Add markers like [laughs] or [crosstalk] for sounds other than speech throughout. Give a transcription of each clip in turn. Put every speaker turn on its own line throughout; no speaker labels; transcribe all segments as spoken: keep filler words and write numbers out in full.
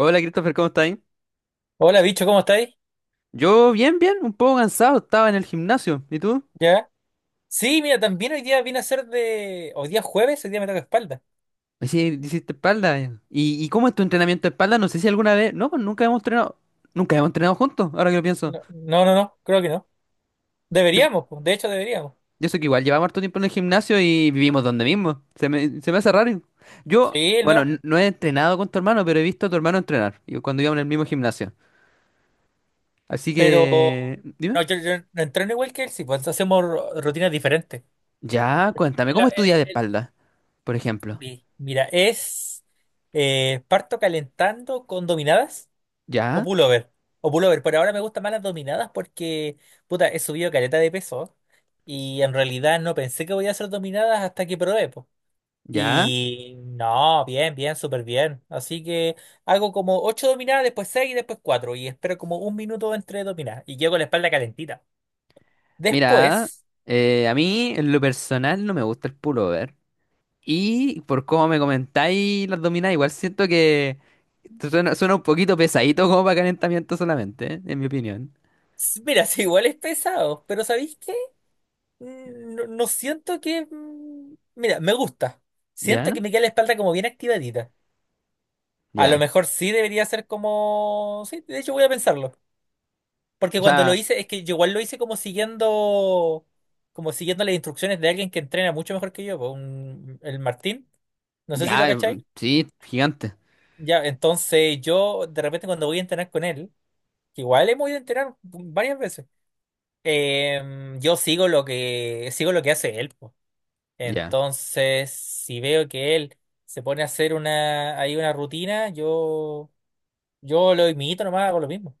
Hola Christopher, ¿cómo estás?
Hola, bicho, ¿cómo estáis?
Yo bien, bien, un poco cansado, estaba en el gimnasio. ¿Y tú?
¿Ya? Sí, mira, también hoy día vine a ser de... Hoy día es jueves, hoy día me toca espalda.
Sí, hiciste espalda. eh. ¿Y, y cómo es tu entrenamiento de espalda? No sé si alguna vez... No, pues nunca hemos entrenado... Nunca hemos entrenado juntos, ahora que lo pienso.
No, no, no, no, creo que no.
Yo,
Deberíamos, pues, de hecho deberíamos.
yo sé que igual llevamos harto tiempo en el gimnasio y vivimos donde mismo. Se me, se me hace raro. Yo,
Sí,
bueno,
no,
n- no he entrenado con tu hermano, pero he visto a tu hermano entrenar. Yo cuando íbamos en el mismo gimnasio. Así
pero...
que... Dime.
No, yo, yo no entreno igual que él, sí, pues hacemos ru- rutinas diferentes.
Ya, cuéntame,
El-
¿cómo estudias
el-
de
el-
espalda, por ejemplo?
mi- Mira, es eh, parto calentando con dominadas o
¿Ya?
pullover. O pullover, pero ahora me gustan más las dominadas porque, puta, he subido caleta de peso y en realidad no pensé que voy a hacer dominadas hasta que probé, po.
¿Ya?
Y no, bien, bien, súper bien. Así que hago como ocho dominadas, después seis y después cuatro. Y espero como un minuto entre dominadas. Y llego con la espalda calentita.
Mira,
Después,
eh, a mí en lo personal no me gusta el pullover. Y por cómo me comentáis las dominadas, igual siento que suena, suena un poquito pesadito como para calentamiento solamente, ¿eh? En mi opinión.
s- mira, [laughs] si igual es pesado, pero ¿sabéis qué? Mm, No, no siento que... mm, Mira, me gusta. Siento
¿Ya?
que me queda la espalda como bien activadita. A lo
Ya.
mejor sí debería ser como... Sí, de hecho voy a pensarlo. Porque
O
cuando lo
sea,
hice, es que yo igual lo hice como siguiendo, como siguiendo las instrucciones de alguien que entrena mucho mejor que yo, pues, un- el Martín. No sé si lo
ya,
cacháis.
mm, sí, gigante.
Ya, entonces yo de repente cuando voy a entrenar con él, que igual hemos ido a entrenar varias veces, eh, yo sigo lo que, sigo lo que hace él, po.
Ya.
Entonces, si veo que él se pone a hacer una, ahí una rutina, yo, yo lo imito nomás, hago lo mismo.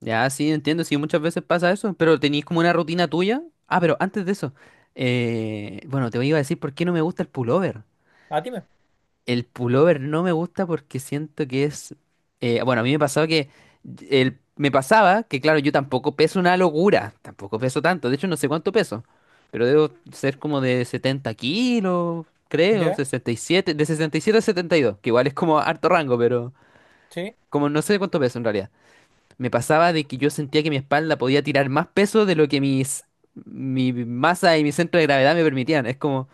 Ya, sí, entiendo, sí, muchas veces pasa eso, pero tenéis como una rutina tuya. Ah, pero antes de eso, eh, bueno, te iba a decir por qué no me gusta el pullover.
A ti me.
El pullover no me gusta porque siento que es. Eh, bueno, a mí me pasaba que. El, me pasaba que, claro, yo tampoco peso una locura. Tampoco peso tanto. De hecho, no sé cuánto peso. Pero debo ser como de setenta kilos, creo.
¿Ya?
Sesenta y siete. De sesenta y siete a setenta y dos. Que igual es como harto rango, pero.
Sí.
Como no sé cuánto peso en realidad. Me pasaba de que yo sentía que mi espalda podía tirar más peso de lo que mis. Mi masa y mi centro de gravedad me permitían. Es como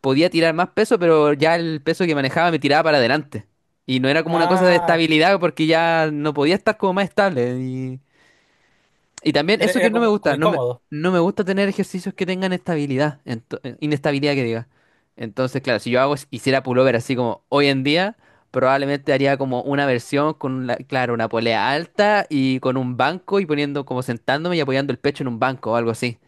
podía tirar más peso, pero ya el peso que manejaba me tiraba para adelante. Y no era como una cosa de
Ah,
estabilidad porque ya no podía estar como más estable. Y, y también
era,
eso que
era
no me
como, como
gusta, no me,
incómodo.
no me gusta tener ejercicios que tengan estabilidad, ento- eh, inestabilidad que diga. Entonces, claro, si yo hago, hiciera pullover así como hoy en día, probablemente haría como una versión con, la- claro, una polea alta y con un banco y poniendo como sentándome y apoyando el pecho en un banco o algo así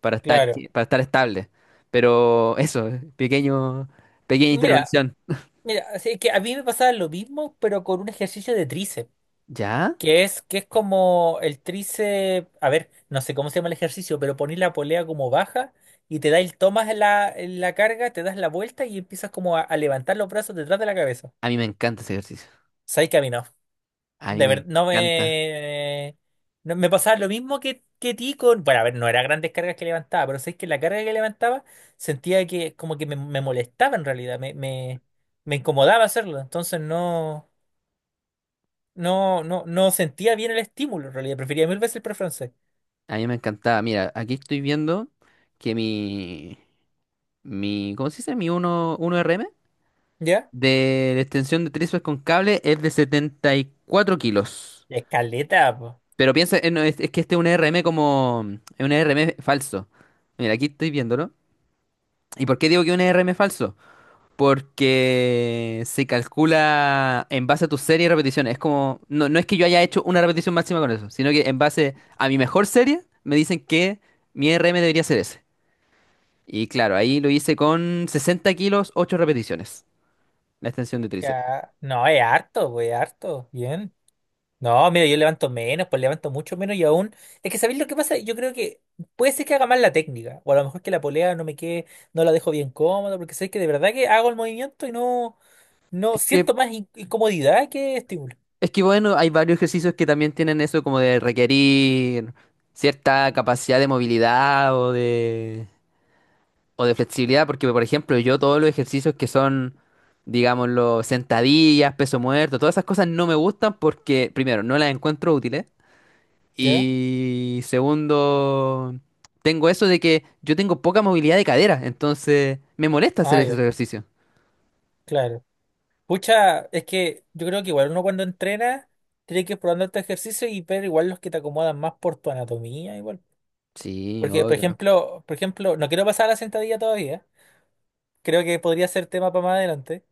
para estar,
Claro.
para estar estable. Pero eso, pequeño, pequeña
Mira,
intervención.
mira, así que a mí me pasaba lo mismo, pero con un ejercicio de tríceps,
¿Ya?
que es, que es como el tríceps, a ver, no sé cómo se llama el ejercicio, pero ponís la polea como baja y te da el, tomas la, la carga, te das la vuelta y empiezas como a, a levantar los brazos detrás de la cabeza.
A mí me encanta ese ejercicio.
¿Sabes que a mí no?
A mí
De
me
verdad, no
encanta.
me. No- me pasaba lo mismo que, que ti con. Bueno, a ver, no eran grandes cargas que levantaba, pero sabes que la carga que levantaba sentía que como que me, me molestaba en realidad, me, me, me incomodaba hacerlo. Entonces no, no, no, no sentía bien el estímulo en realidad. Prefería mil veces el pre francés.
A mí me encantaba. Mira, aquí estoy viendo que mi, mi, ¿cómo se dice? Mi uno uno R M
¿Ya?
de la extensión de tríceps con cable es de setenta y cuatro kilos.
Escaleta, pues.
Pero piensa, eh, no, es, es que este es un R M como, es un R M falso. Mira, aquí estoy viéndolo. ¿Y por qué digo que es un R M falso? Porque se calcula en base a tu serie de repeticiones. Es como, no, no es que yo haya hecho una repetición máxima con eso, sino que en base a mi mejor serie me dicen que mi R M debería ser ese. Y claro, ahí lo hice con sesenta kilos, ocho repeticiones, la extensión de tríceps.
Ya. No, es harto, pues, es harto. Bien. No, mira, yo levanto menos, pues levanto mucho menos y aún. Es que ¿sabéis lo que pasa? Yo creo que puede ser que haga mal la técnica. O a lo mejor que la polea no me quede, no la dejo bien cómoda, porque sabéis que de verdad que hago el movimiento y no, no
Es que,
siento más in- incomodidad que estímulo.
es que bueno, hay varios ejercicios que también tienen eso como de requerir cierta capacidad de movilidad o de... O de flexibilidad, porque por ejemplo, yo todos los ejercicios que son, digámoslo, sentadillas, peso muerto, todas esas cosas no me gustan porque, primero, no las encuentro útiles.
¿Ya?
Y segundo, tengo eso de que yo tengo poca movilidad de cadera, entonces me molesta hacer
Ah,
ese
ya,
ejercicio.
claro. Pucha, es que yo creo que igual uno cuando entrena tiene que ir probando este ejercicio y ver igual los que te acomodan más por tu anatomía, igual.
Sí,
Porque, por
obvio.
ejemplo, por ejemplo, no quiero pasar a la sentadilla todavía. Creo que podría ser tema para más adelante.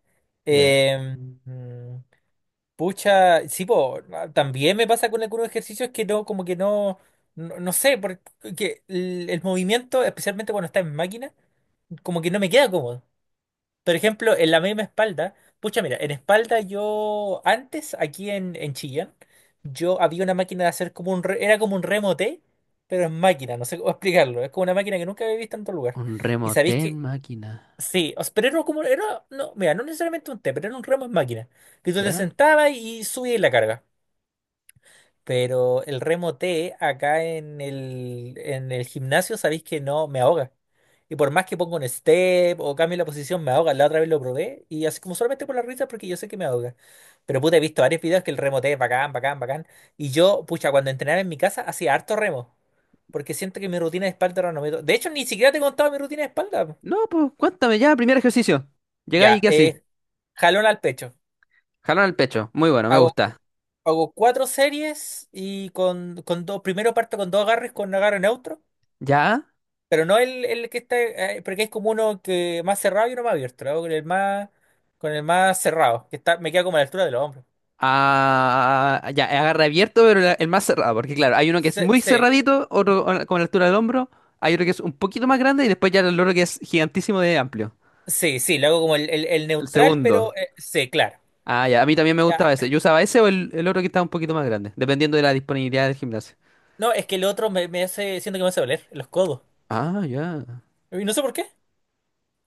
Ya.
Eh, mm, pucha, sí, po, no, también me pasa con algunos ejercicios que no, como que no, no, no sé, porque el, el movimiento, especialmente cuando está en máquina, como que no me queda cómodo. Por ejemplo, en la misma espalda, pucha, mira, en espalda yo antes, aquí en, en Chillán, yo había una máquina de hacer como un, re- era como un remote, pero en máquina, no sé cómo [laughs] explicarlo, es como una máquina que nunca había visto en otro lugar.
Un
Y
remote
sabéis
en
que
máquina.
sí, o sea, pero era como, era, no, mira, no necesariamente un T, pero era un remo en máquina, que tú te
¿Ya?
sentabas y subías la carga. Pero el remo T acá en el, en el gimnasio, sabéis que no me ahoga. Y por más que ponga un step o cambie la posición, me ahoga. La otra vez lo probé y así como solamente por la risa, porque yo sé que me ahoga. Pero puta, he visto varios videos que el remo T es bacán, bacán, bacán. Y yo, pucha, cuando entrenaba en mi casa, hacía harto remo. Porque siento que mi rutina de espalda era no me... do- De hecho, ni siquiera te he contado mi rutina de espalda.
No, pues cuéntame ya, primer ejercicio. Llegáis y
Ya,
qué así.
eh, jalón al pecho.
Jalón al pecho. Muy bueno, me
Hago,
gusta.
hago cuatro series y con, con dos, primero parto con dos agarres con agarre neutro,
¿Ya?
pero no el, el que está, eh, porque es como uno que más cerrado y uno más abierto, lo hago con el más, con el más cerrado, que está, me queda como a la altura de los hombros.
Ah, ya, agarra abierto, pero la- el más cerrado, porque claro, hay uno que es
Sí,
muy
sí,
cerradito, otro con con la altura del hombro, hay otro que es un poquito más grande y después ya el otro que es gigantísimo de amplio.
sí, sí, lo hago como el, el- el
El
neutral, pero
segundo.
eh, sí, claro.
Ah, ya, a mí también me
Ya.
gustaba ese. Yo usaba ese o el, el otro que estaba un poquito más grande, dependiendo de la disponibilidad del gimnasio.
No, es que el otro me, me hace, siento que me hace doler los codos.
Ah, ya.
Y no sé por qué.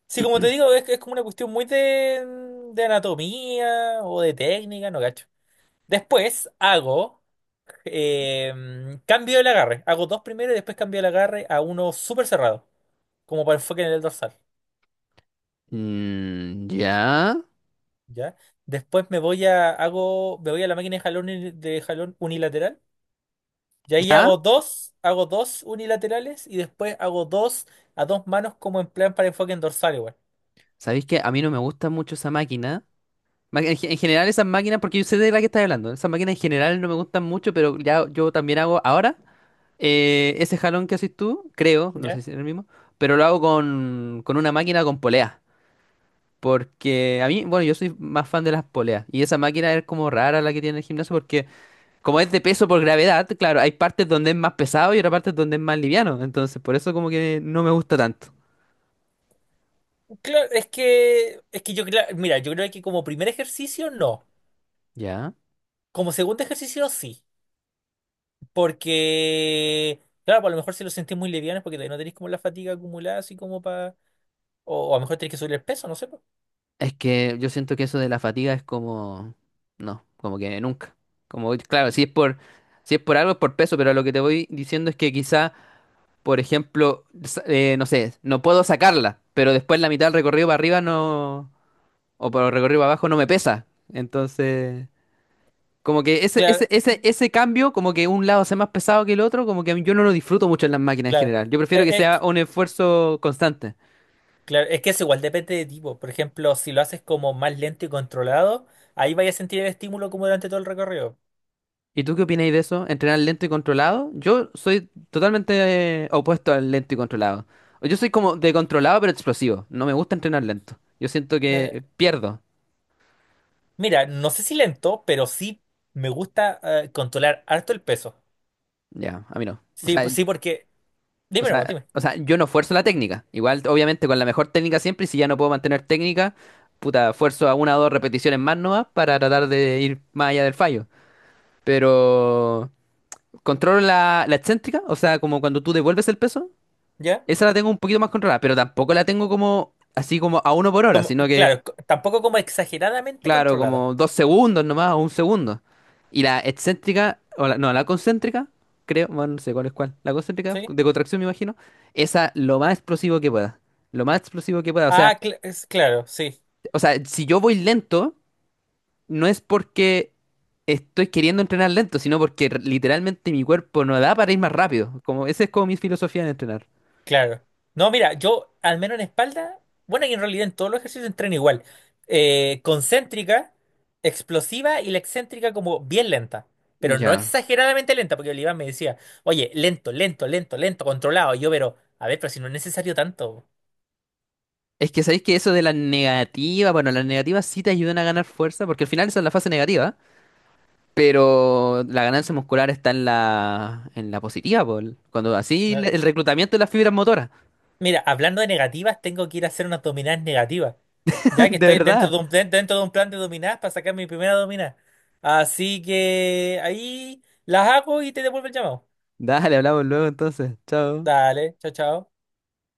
Sí, como te digo, es, es como una cuestión muy de, de anatomía o de técnica, no gacho. Después hago. Eh, cambio el agarre. Hago dos primero y después cambio el agarre a uno súper cerrado, como para enfoque en el dorsal.
Mm, ya.
¿Ya? Después me voy a, hago, me voy a la máquina de jalón, uni- de jalón unilateral. Y ahí
¿Ya?
hago dos, hago dos unilaterales y después hago dos a dos manos como en plan para enfoque en dorsal igual.
¿Sabéis que a mí no me gusta mucho esa máquina? Ma- En, ge- en general esas máquinas, porque yo sé de la que estás hablando, esas máquinas en general no me gustan mucho, pero ya yo también hago ahora. Eh, ese jalón que haces tú, creo, no sé
¿Ya?
si es el mismo, pero lo hago con, con una máquina con polea. Porque a mí, bueno, yo soy más fan de las poleas. Y esa máquina es como rara la que tiene el gimnasio porque como es de peso por gravedad, claro, hay partes donde es más pesado y otras partes donde es más liviano. Entonces, por eso como que no me gusta tanto.
Claro, es que, es que yo, cla- mira, yo creo que como primer ejercicio no.
Ya.
Como segundo ejercicio sí. Porque, claro, pues a lo mejor si lo sentís muy liviano es porque todavía no tenéis como la fatiga acumulada, así como para. O, o a lo mejor tenéis que subir el peso, no sé, pues.
Es que yo siento que eso de la fatiga es como... No, como que nunca. Como, claro, si es por, si es por algo es por peso, pero lo que te voy diciendo es que quizá... Por ejemplo, sa- eh, no sé, no puedo sacarla, pero después la mitad del recorrido para arriba no, o para el recorrido para abajo no me pesa. Entonces, como que ese,
Claro,
ese, ese, ese cambio, como que un lado sea más pesado que el otro, como que a mí- yo no lo disfruto mucho en las máquinas en
claro.
general. Yo prefiero
Es,
que
es que-
sea un esfuerzo constante.
claro, es que eso igual depende de tipo. Por ejemplo, si lo haces como más lento y controlado, ahí vais a sentir el estímulo como durante todo el recorrido.
¿Y tú qué opináis de eso? ¿Entrenar lento y controlado? Yo soy totalmente eh, opuesto al lento y controlado. Yo soy como de controlado pero explosivo. No me gusta entrenar lento. Yo siento que
Eh,
eh, pierdo.
mira, no sé si lento, pero sí me gusta eh, controlar harto el peso.
Ya, a mí no. O
Sí,
sea,
pues sí, porque.
O
Dime, hermano,
sea,
dime.
o sea, yo no fuerzo la técnica. Igual, obviamente, con la mejor técnica siempre, y si ya no puedo mantener técnica, puta, fuerzo a una o dos repeticiones más nomás para tratar de ir más allá del fallo. Pero controlo la, la excéntrica, o sea, como cuando tú devuelves el peso,
¿Ya?
esa la tengo un poquito más controlada, pero tampoco la tengo como así como a uno por hora,
Como,
sino que
claro, co- tampoco como exageradamente
claro,
controlada.
como dos segundos nomás, o un segundo. Y la excéntrica, o la- no, la concéntrica, creo, bueno, no sé cuál es cuál. La concéntrica,
¿Sí?
de contracción me imagino, esa lo más explosivo que pueda. Lo más explosivo que pueda. O sea,
Ah, cl- es, claro, sí.
o sea, si yo voy lento, no es porque estoy queriendo entrenar lento, sino porque r- literalmente mi cuerpo no da para ir más rápido. Como, esa es como mi filosofía en entrenar.
Claro. No, mira, yo al menos en espalda, bueno, y en realidad en todos los ejercicios entreno igual. Eh, concéntrica, explosiva y la excéntrica como bien lenta, pero no
Ya.
exageradamente lenta, porque el me decía, oye, lento, lento, lento, lento, controlado. Y yo, pero, a ver, pero si no es necesario tanto.
Es que sabéis que eso de la negativa, bueno, las negativas sí te ayudan a ganar fuerza, porque al final esa es la fase negativa. Pero la ganancia muscular está en la, en la positiva, Paul. Cuando así le-
Claro.
el reclutamiento de las fibras motoras.
Mira, hablando de negativas, tengo que ir a hacer unas dominadas negativas,
[laughs]
ya que
De
estoy dentro
verdad.
de un, den- dentro de un plan de dominadas para sacar mi primera dominada. Así que ahí las hago y te devuelvo el llamado.
Dale, hablamos luego entonces. Chao.
Dale, chao, chao.